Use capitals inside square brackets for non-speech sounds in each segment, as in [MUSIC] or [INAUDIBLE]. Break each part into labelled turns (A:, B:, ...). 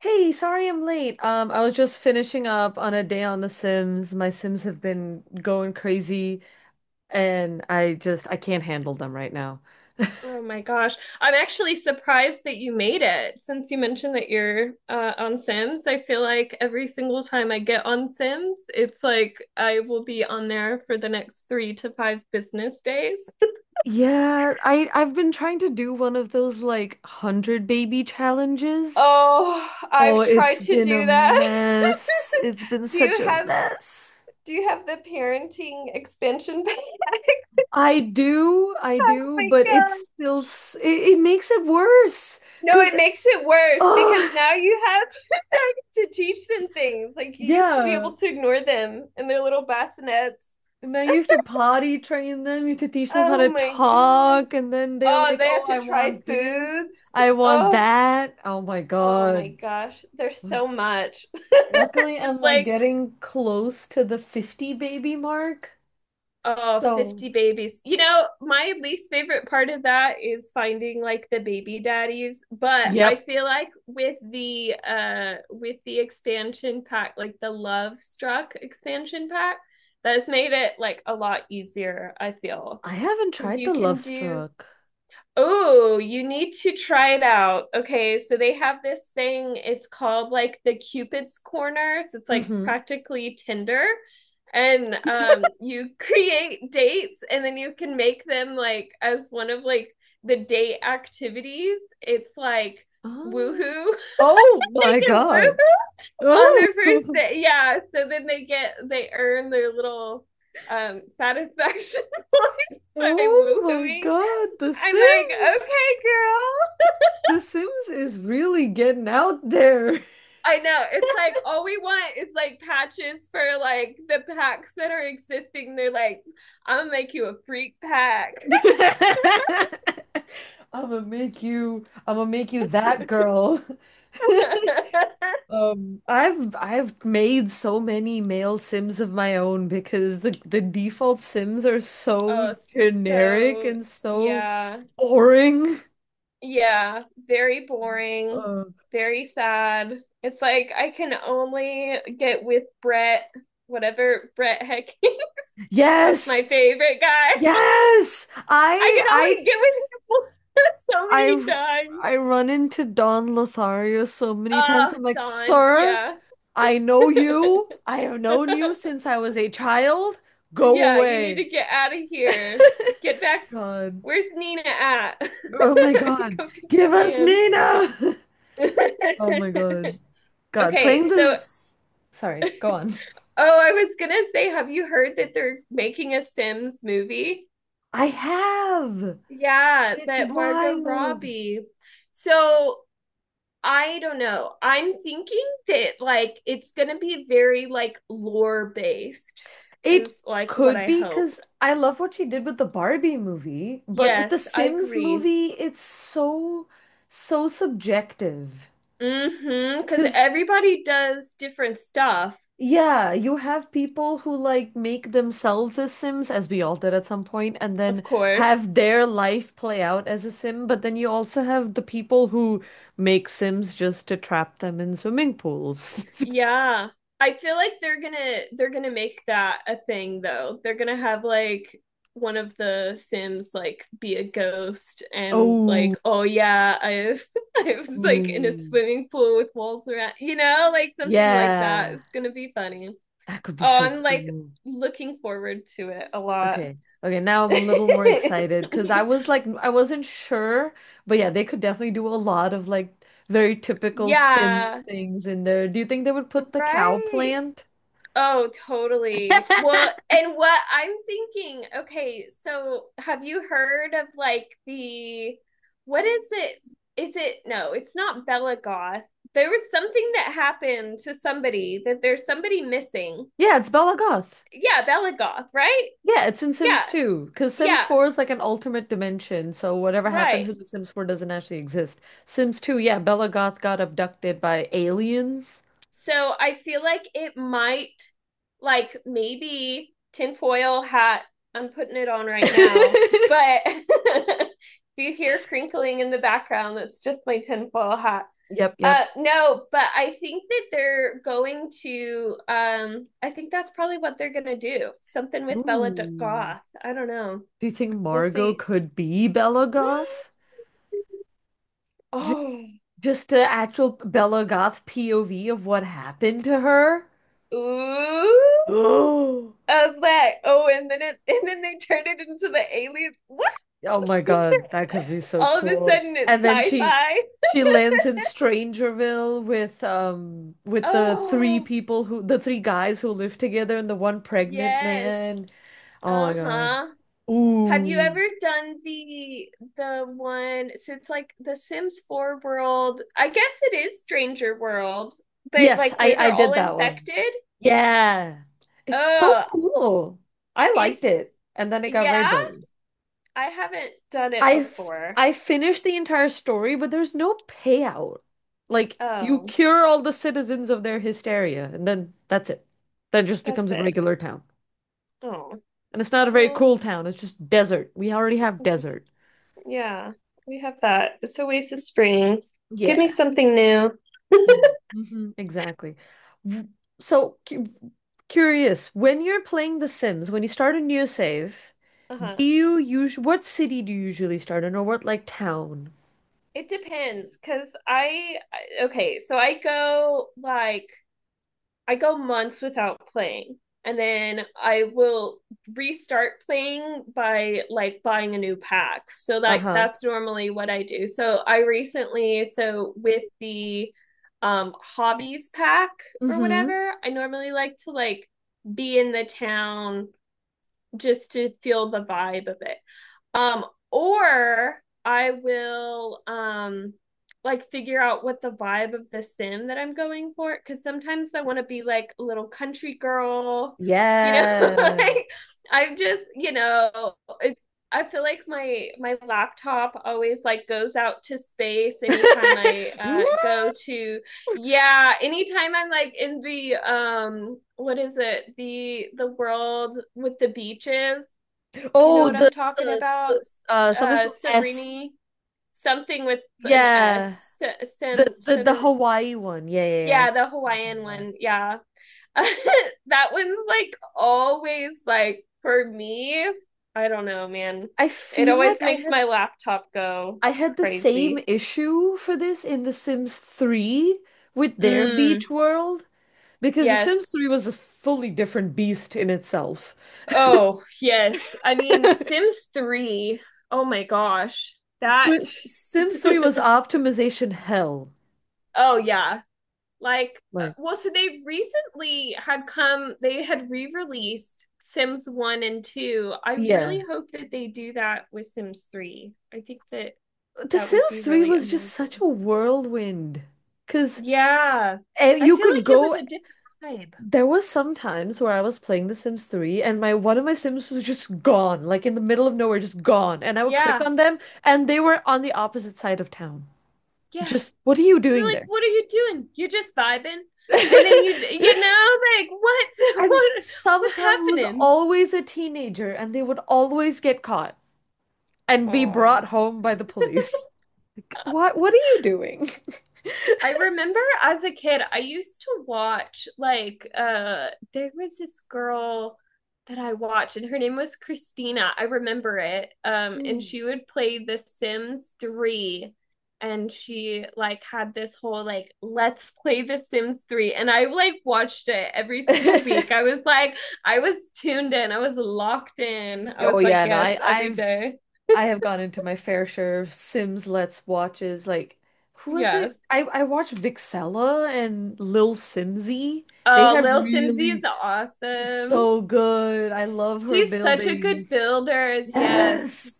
A: Hey, sorry I'm late. I was just finishing up on a day on The Sims. My Sims have been going crazy and I can't handle them right now.
B: Oh my gosh. I'm actually surprised that you made it since you mentioned that you're on Sims. I feel like every single time I get on Sims, it's like I will be on there for the next three to five business days.
A: Yeah, I've been trying to do one of those like 100 baby challenges.
B: Oh,
A: Oh,
B: I've
A: it's
B: tried to
A: been a
B: do that.
A: mess. It's been
B: [LAUGHS] Do
A: such
B: you
A: a
B: have
A: mess.
B: do you have the parenting expansion pack? [LAUGHS]
A: I
B: Oh
A: do,
B: my
A: but
B: God.
A: it makes it worse
B: No,
A: because
B: it makes it worse because
A: oh,
B: now you have [LAUGHS] to teach them things.
A: [LAUGHS]
B: Like you used to be
A: yeah.
B: able to ignore them in their little bassinets.
A: And then you have to potty train them, you have to teach them how
B: Oh
A: to
B: my God.
A: talk, and then they're
B: Oh,
A: like,
B: they
A: oh,
B: have to
A: I
B: try
A: want this,
B: foods.
A: I want
B: Oh,
A: that. Oh my
B: oh my
A: God.
B: gosh. There's so much. [LAUGHS]
A: Luckily,
B: It's
A: I'm like
B: like,
A: getting close to the 50 baby mark.
B: oh,
A: So,
B: 50 babies. My least favorite part of that is finding like the baby daddies, but I
A: yep.
B: feel like with the expansion pack, like the Love Struck expansion pack, that's made it like a lot easier, I feel.
A: I haven't
B: Because
A: tried
B: you
A: the Love
B: can do
A: Struck.
B: oh, you need to try it out. Okay, so they have this thing, it's called like the Cupid's Corner. So it's like
A: Mm-hmm.
B: practically Tinder. And you [LAUGHS] create dates and then you can make them like as one of like the date activities. It's like
A: Oh.
B: woohoo.
A: Oh
B: [LAUGHS] They
A: my
B: get
A: God.
B: woohoo on
A: Oh.
B: their first
A: [LAUGHS]
B: day. Yeah, so then they earn their little satisfaction [LAUGHS] points by
A: Oh my
B: woohooing.
A: God. The
B: I'm like,
A: Sims.
B: okay, girl,
A: The Sims is really getting out there.
B: I know. It's like all we want is like patches for like the packs that are existing. They're like, I'm gonna make you a freak pack.
A: [LAUGHS] I'm gonna make you that girl. [LAUGHS]
B: [LAUGHS]
A: I've made so many male Sims of my own because the default Sims are so
B: Oh,
A: generic
B: so
A: and so
B: yeah.
A: boring.
B: Yeah. Very boring.
A: Uh,
B: Very sad. It's like I can only get with Brett, whatever Brett Hecky. [LAUGHS] That's
A: yes,
B: my favorite guy.
A: yes.
B: I can
A: I
B: only get with him [LAUGHS] so many
A: I
B: times.
A: I run into Don Lothario so many times.
B: Ah,
A: I'm like,
B: Don.
A: sir,
B: Yeah.
A: I know you. I have known you
B: [LAUGHS]
A: since I was a child. Go
B: Yeah, you need
A: away.
B: to get out of here. Get back.
A: God.
B: Where's Nina at?
A: Oh my
B: [LAUGHS]
A: God.
B: Go get
A: Give
B: your
A: us
B: man.
A: Nina. [LAUGHS]
B: [LAUGHS]
A: Oh my God. God,
B: Okay,
A: playing
B: so
A: this. Sorry, go on.
B: oh, I was gonna say, have you heard that they're making a Sims movie?
A: I have.
B: Yeah,
A: It's
B: that Margot
A: wild.
B: Robbie. So I don't know. I'm thinking that like it's gonna be very like lore based,
A: It
B: is like what
A: could
B: I
A: be
B: hope.
A: because I love what she did with the Barbie movie, but with the
B: Yes, I
A: Sims
B: agree.
A: movie, it's so, so subjective.
B: Mm-hmm, because
A: Because
B: everybody does different stuff,
A: yeah, you have people who like make themselves as Sims, as we all did at some point, and then
B: of course.
A: have their life play out as a Sim. But then you also have the people who make Sims just to trap them in swimming pools. [LAUGHS]
B: Yeah. I feel like they're gonna make that a thing though. They're gonna have like one of the Sims like be a ghost and
A: Oh,
B: like, oh yeah, I [LAUGHS] I was like in a
A: ooh.
B: swimming pool with walls around, like something like that.
A: Yeah,
B: It's gonna be funny.
A: that could be
B: Oh,
A: so
B: I'm like
A: cool.
B: looking forward to it a lot.
A: Okay. Okay, now I'm a little more excited because I
B: [LAUGHS]
A: was like I wasn't sure, but yeah, they could definitely do a lot of like very typical Sims
B: Yeah,
A: things in there. Do you think they would put the cow
B: right.
A: plant?
B: Oh, totally. Well, and what I'm thinking, okay, so have you heard of like the, what is it? Is it, no, it's not Bella Goth. There was something that happened to somebody that there's somebody missing.
A: Yeah, it's Bela Goth.
B: Yeah, Bella Goth, right?
A: Yeah, it's in Sims
B: Yeah,
A: 2 because Sims
B: yeah,
A: 4 is like an alternate dimension, so whatever happens
B: right.
A: in the Sims 4 doesn't actually exist. Sims 2, yeah, Bela Goth got abducted by aliens.
B: So I feel like it might, like maybe tinfoil hat. I'm putting it on right now,
A: [LAUGHS]
B: but [LAUGHS] if you hear crinkling in the background, that's just my tinfoil hat.
A: Yep, yep.
B: No, but I think that they're going to. I think that's probably what they're gonna do. Something with Bella
A: Ooh.
B: Goth. I don't know.
A: Do you think
B: We'll
A: Margot
B: see.
A: could be Bela
B: [GASPS]
A: Goth?
B: Oh,
A: Just the actual Bella Goth POV of what happened to her. [GASPS]
B: ooh,
A: Oh,
B: I was like, oh, and then it, [LAUGHS] and then they turned it into the aliens. What?
A: oh my
B: [LAUGHS]
A: God, that could be so
B: All of a
A: cool.
B: sudden it's
A: And then she
B: sci-fi.
A: she lands in Strangerville with
B: Oh,
A: the three guys who live together and the one pregnant
B: yes.
A: man. Oh my God.
B: Uh-huh. Have you
A: Ooh.
B: ever done the one since like the Sims 4 world? I guess it is Stranger World, but
A: Yes,
B: like where
A: I
B: they're
A: did
B: all
A: that one.
B: infected?
A: Yeah. It's so
B: Oh,
A: cool. I
B: is
A: liked it. And then it got very
B: yeah,
A: boring.
B: I haven't done it before.
A: I finished the entire story, but there's no payout. Like you
B: Oh,
A: cure all the citizens of their hysteria, and then that's it. That just becomes
B: that's
A: a
B: it.
A: regular town.
B: Oh,
A: And it's not a very
B: well,
A: cool town, it's just desert. We already have
B: it's just
A: desert.
B: yeah, we have that. It's Oasis Springs. Give me
A: Yeah.
B: something new. [LAUGHS]
A: Mm-hmm. Exactly. W- So cu curious, when you're playing The Sims, when you start a new save,
B: Uh-huh.
A: do you use what city do you usually start in or what like town?
B: It depends cuz I- okay, so I go like I go months without playing and then I will restart playing by like buying a new pack. So like
A: Uh-huh.
B: that's normally what I do. So I recently so with the hobbies pack or
A: Mm-hmm.
B: whatever, I normally like to like be in the town just to feel the vibe of it. Um, or I will like figure out what the vibe of the sim that I'm going for cuz sometimes I want to be like a little country girl, you know, [LAUGHS]
A: Yeah.
B: like I'm just, it's I feel like my laptop always like goes out to space anytime I
A: [LAUGHS]
B: go to yeah, anytime I'm like in the what is it? The world with the beaches you know
A: Oh,
B: what I'm
A: the,
B: talking
A: the,
B: about?
A: the uh something from S.
B: Serene, something with an S.
A: Yeah. The
B: Sen,
A: the the
B: sen,
A: Hawaii one. Yeah, yeah, yeah. I
B: yeah,
A: know
B: the
A: what you're talking
B: Hawaiian
A: about.
B: one. Yeah. [LAUGHS] That one's like always like for me, I don't know, man.
A: I
B: It
A: feel
B: always
A: like
B: makes my laptop go
A: I had the same
B: crazy.
A: issue for this in The Sims 3 with their beach
B: Mm,
A: world because The
B: yes.
A: Sims 3 was a fully different beast in itself.
B: Oh, yes. I mean,
A: [LAUGHS]
B: Sims 3. Oh my gosh. That
A: Sims 3 was
B: [LAUGHS]
A: optimization hell.
B: Oh yeah. Like
A: Like,
B: well so they recently had come they had re-released sims 1 and 2. I really
A: yeah.
B: hope that they do that with sims 3. I think that
A: The
B: that would
A: Sims
B: be
A: 3
B: really
A: was just such
B: amazing.
A: a whirlwind. Because
B: Yeah,
A: And
B: I
A: you
B: feel
A: could
B: like it was
A: go.
B: a different vibe.
A: There was some times where I was playing The Sims 3 and my one of my Sims was just gone, like in the middle of nowhere, just gone. And I would click
B: Yeah,
A: on them and they were on the opposite side of town.
B: yeah.
A: Just, what are you
B: They're
A: doing
B: like,
A: there?
B: what are you doing? You're just vibing and then you
A: [LAUGHS]
B: know like what [LAUGHS]
A: And
B: what what's
A: somehow it was
B: happening.
A: always a teenager and they would always get caught and be brought
B: Oh,
A: home by the police. [LAUGHS] Like, what are you doing?
B: I remember as a kid, I used to watch like there was this girl that I watched and her name was Christina. I remember it. And
A: Hmm.
B: she would play The Sims 3 and she like had this whole like let's play The Sims 3 and I like watched it every single week. I
A: [LAUGHS]
B: was like I was tuned in. I was locked in. I
A: Oh
B: was like
A: yeah, no,
B: yes,
A: I,
B: every
A: I've
B: day.
A: I have gone into my fair share of Sims Let's watches. Like, who was
B: Yes.
A: it? I watched Vixella and Lil Simsy. They
B: Uh,
A: have
B: Lil Simsy is
A: really is
B: awesome.
A: so good. I love her
B: She's such a good
A: buildings.
B: builder. Is- yes.
A: Yes.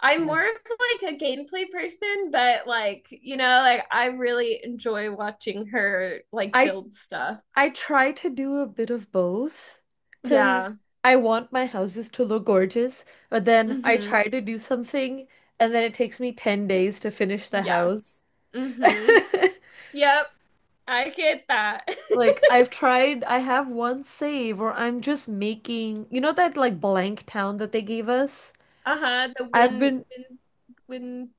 B: I'm more
A: Yes.
B: of like a gameplay person, but like, like I really enjoy watching her like
A: I
B: build stuff.
A: I try to do a bit of both because
B: Yeah.
A: I want my houses to look gorgeous, but then I
B: Mm-hmm.
A: try to do something and then it takes me 10 days to finish the
B: Yeah.
A: house. [LAUGHS]
B: Mm-hmm. Yep. I get that. [LAUGHS]
A: Like I've tried, I have one save, or I'm just making, you know that like blank town that they gave us?
B: Uh-huh. The
A: I've
B: win
A: been,
B: wins win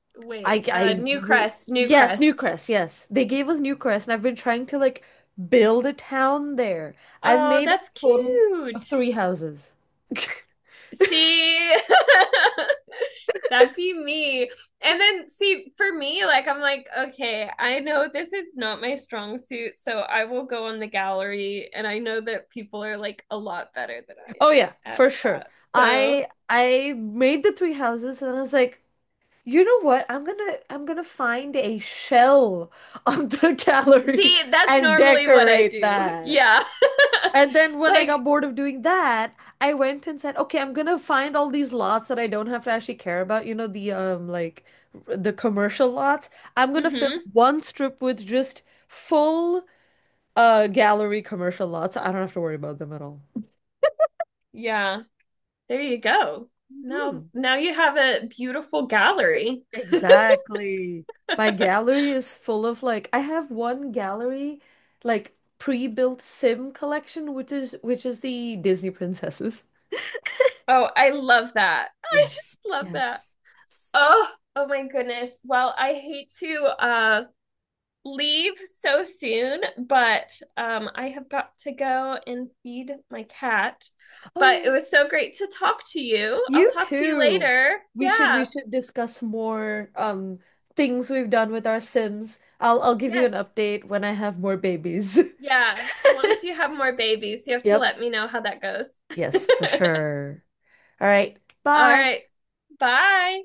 B: wait. Uh,
A: I, re-
B: New
A: yes,
B: Crest.
A: Newcrest, yes. They gave us Newcrest, and I've been trying to like build a town there. I've
B: Oh,
A: made a
B: that's
A: total of
B: cute.
A: three houses. [LAUGHS]
B: See, [LAUGHS] that'd be me. And then, see, for me, like, I'm like, okay, I know this is not my strong suit, so I will go on the gallery, and I know that people are like a lot better than I
A: Oh yeah,
B: am at
A: for sure.
B: that. So,
A: I made the three houses and I was like, you know what? I'm gonna find a shell on the [LAUGHS] gallery
B: see, that's
A: and
B: normally what I
A: decorate
B: do.
A: that.
B: Yeah.
A: And then
B: [LAUGHS]
A: when I
B: Like,
A: got bored of doing that, I went and said, okay, I'm gonna find all these lots that I don't have to actually care about. You know, the the commercial lots. I'm gonna fill
B: mm-hmm.
A: one strip with just full gallery commercial lots. I don't have to worry about them at all.
B: Yeah. There you go. Now,
A: Mhm.
B: now you have a beautiful gallery.
A: Exactly. My gallery is full of like I have one gallery like pre-built Sim collection, which is the Disney princesses.
B: Oh, I love that. [LAUGHS] I just
A: Yes,
B: love that.
A: yes, yes.
B: Oh, oh my goodness. Well, I hate to leave so soon, but I have got to go and feed my cat. But it
A: Oh.
B: was so great to talk to you. I'll
A: You
B: talk to you
A: too.
B: later.
A: We
B: Yeah.
A: should discuss more things we've done with our Sims. I'll give you an
B: Yes.
A: update when I have more babies. [LAUGHS]
B: Yeah. Once you have more babies, you have to
A: Yep.
B: let me know how that goes. [LAUGHS]
A: Yes, for sure. All right.
B: All
A: Bye.
B: right. Bye.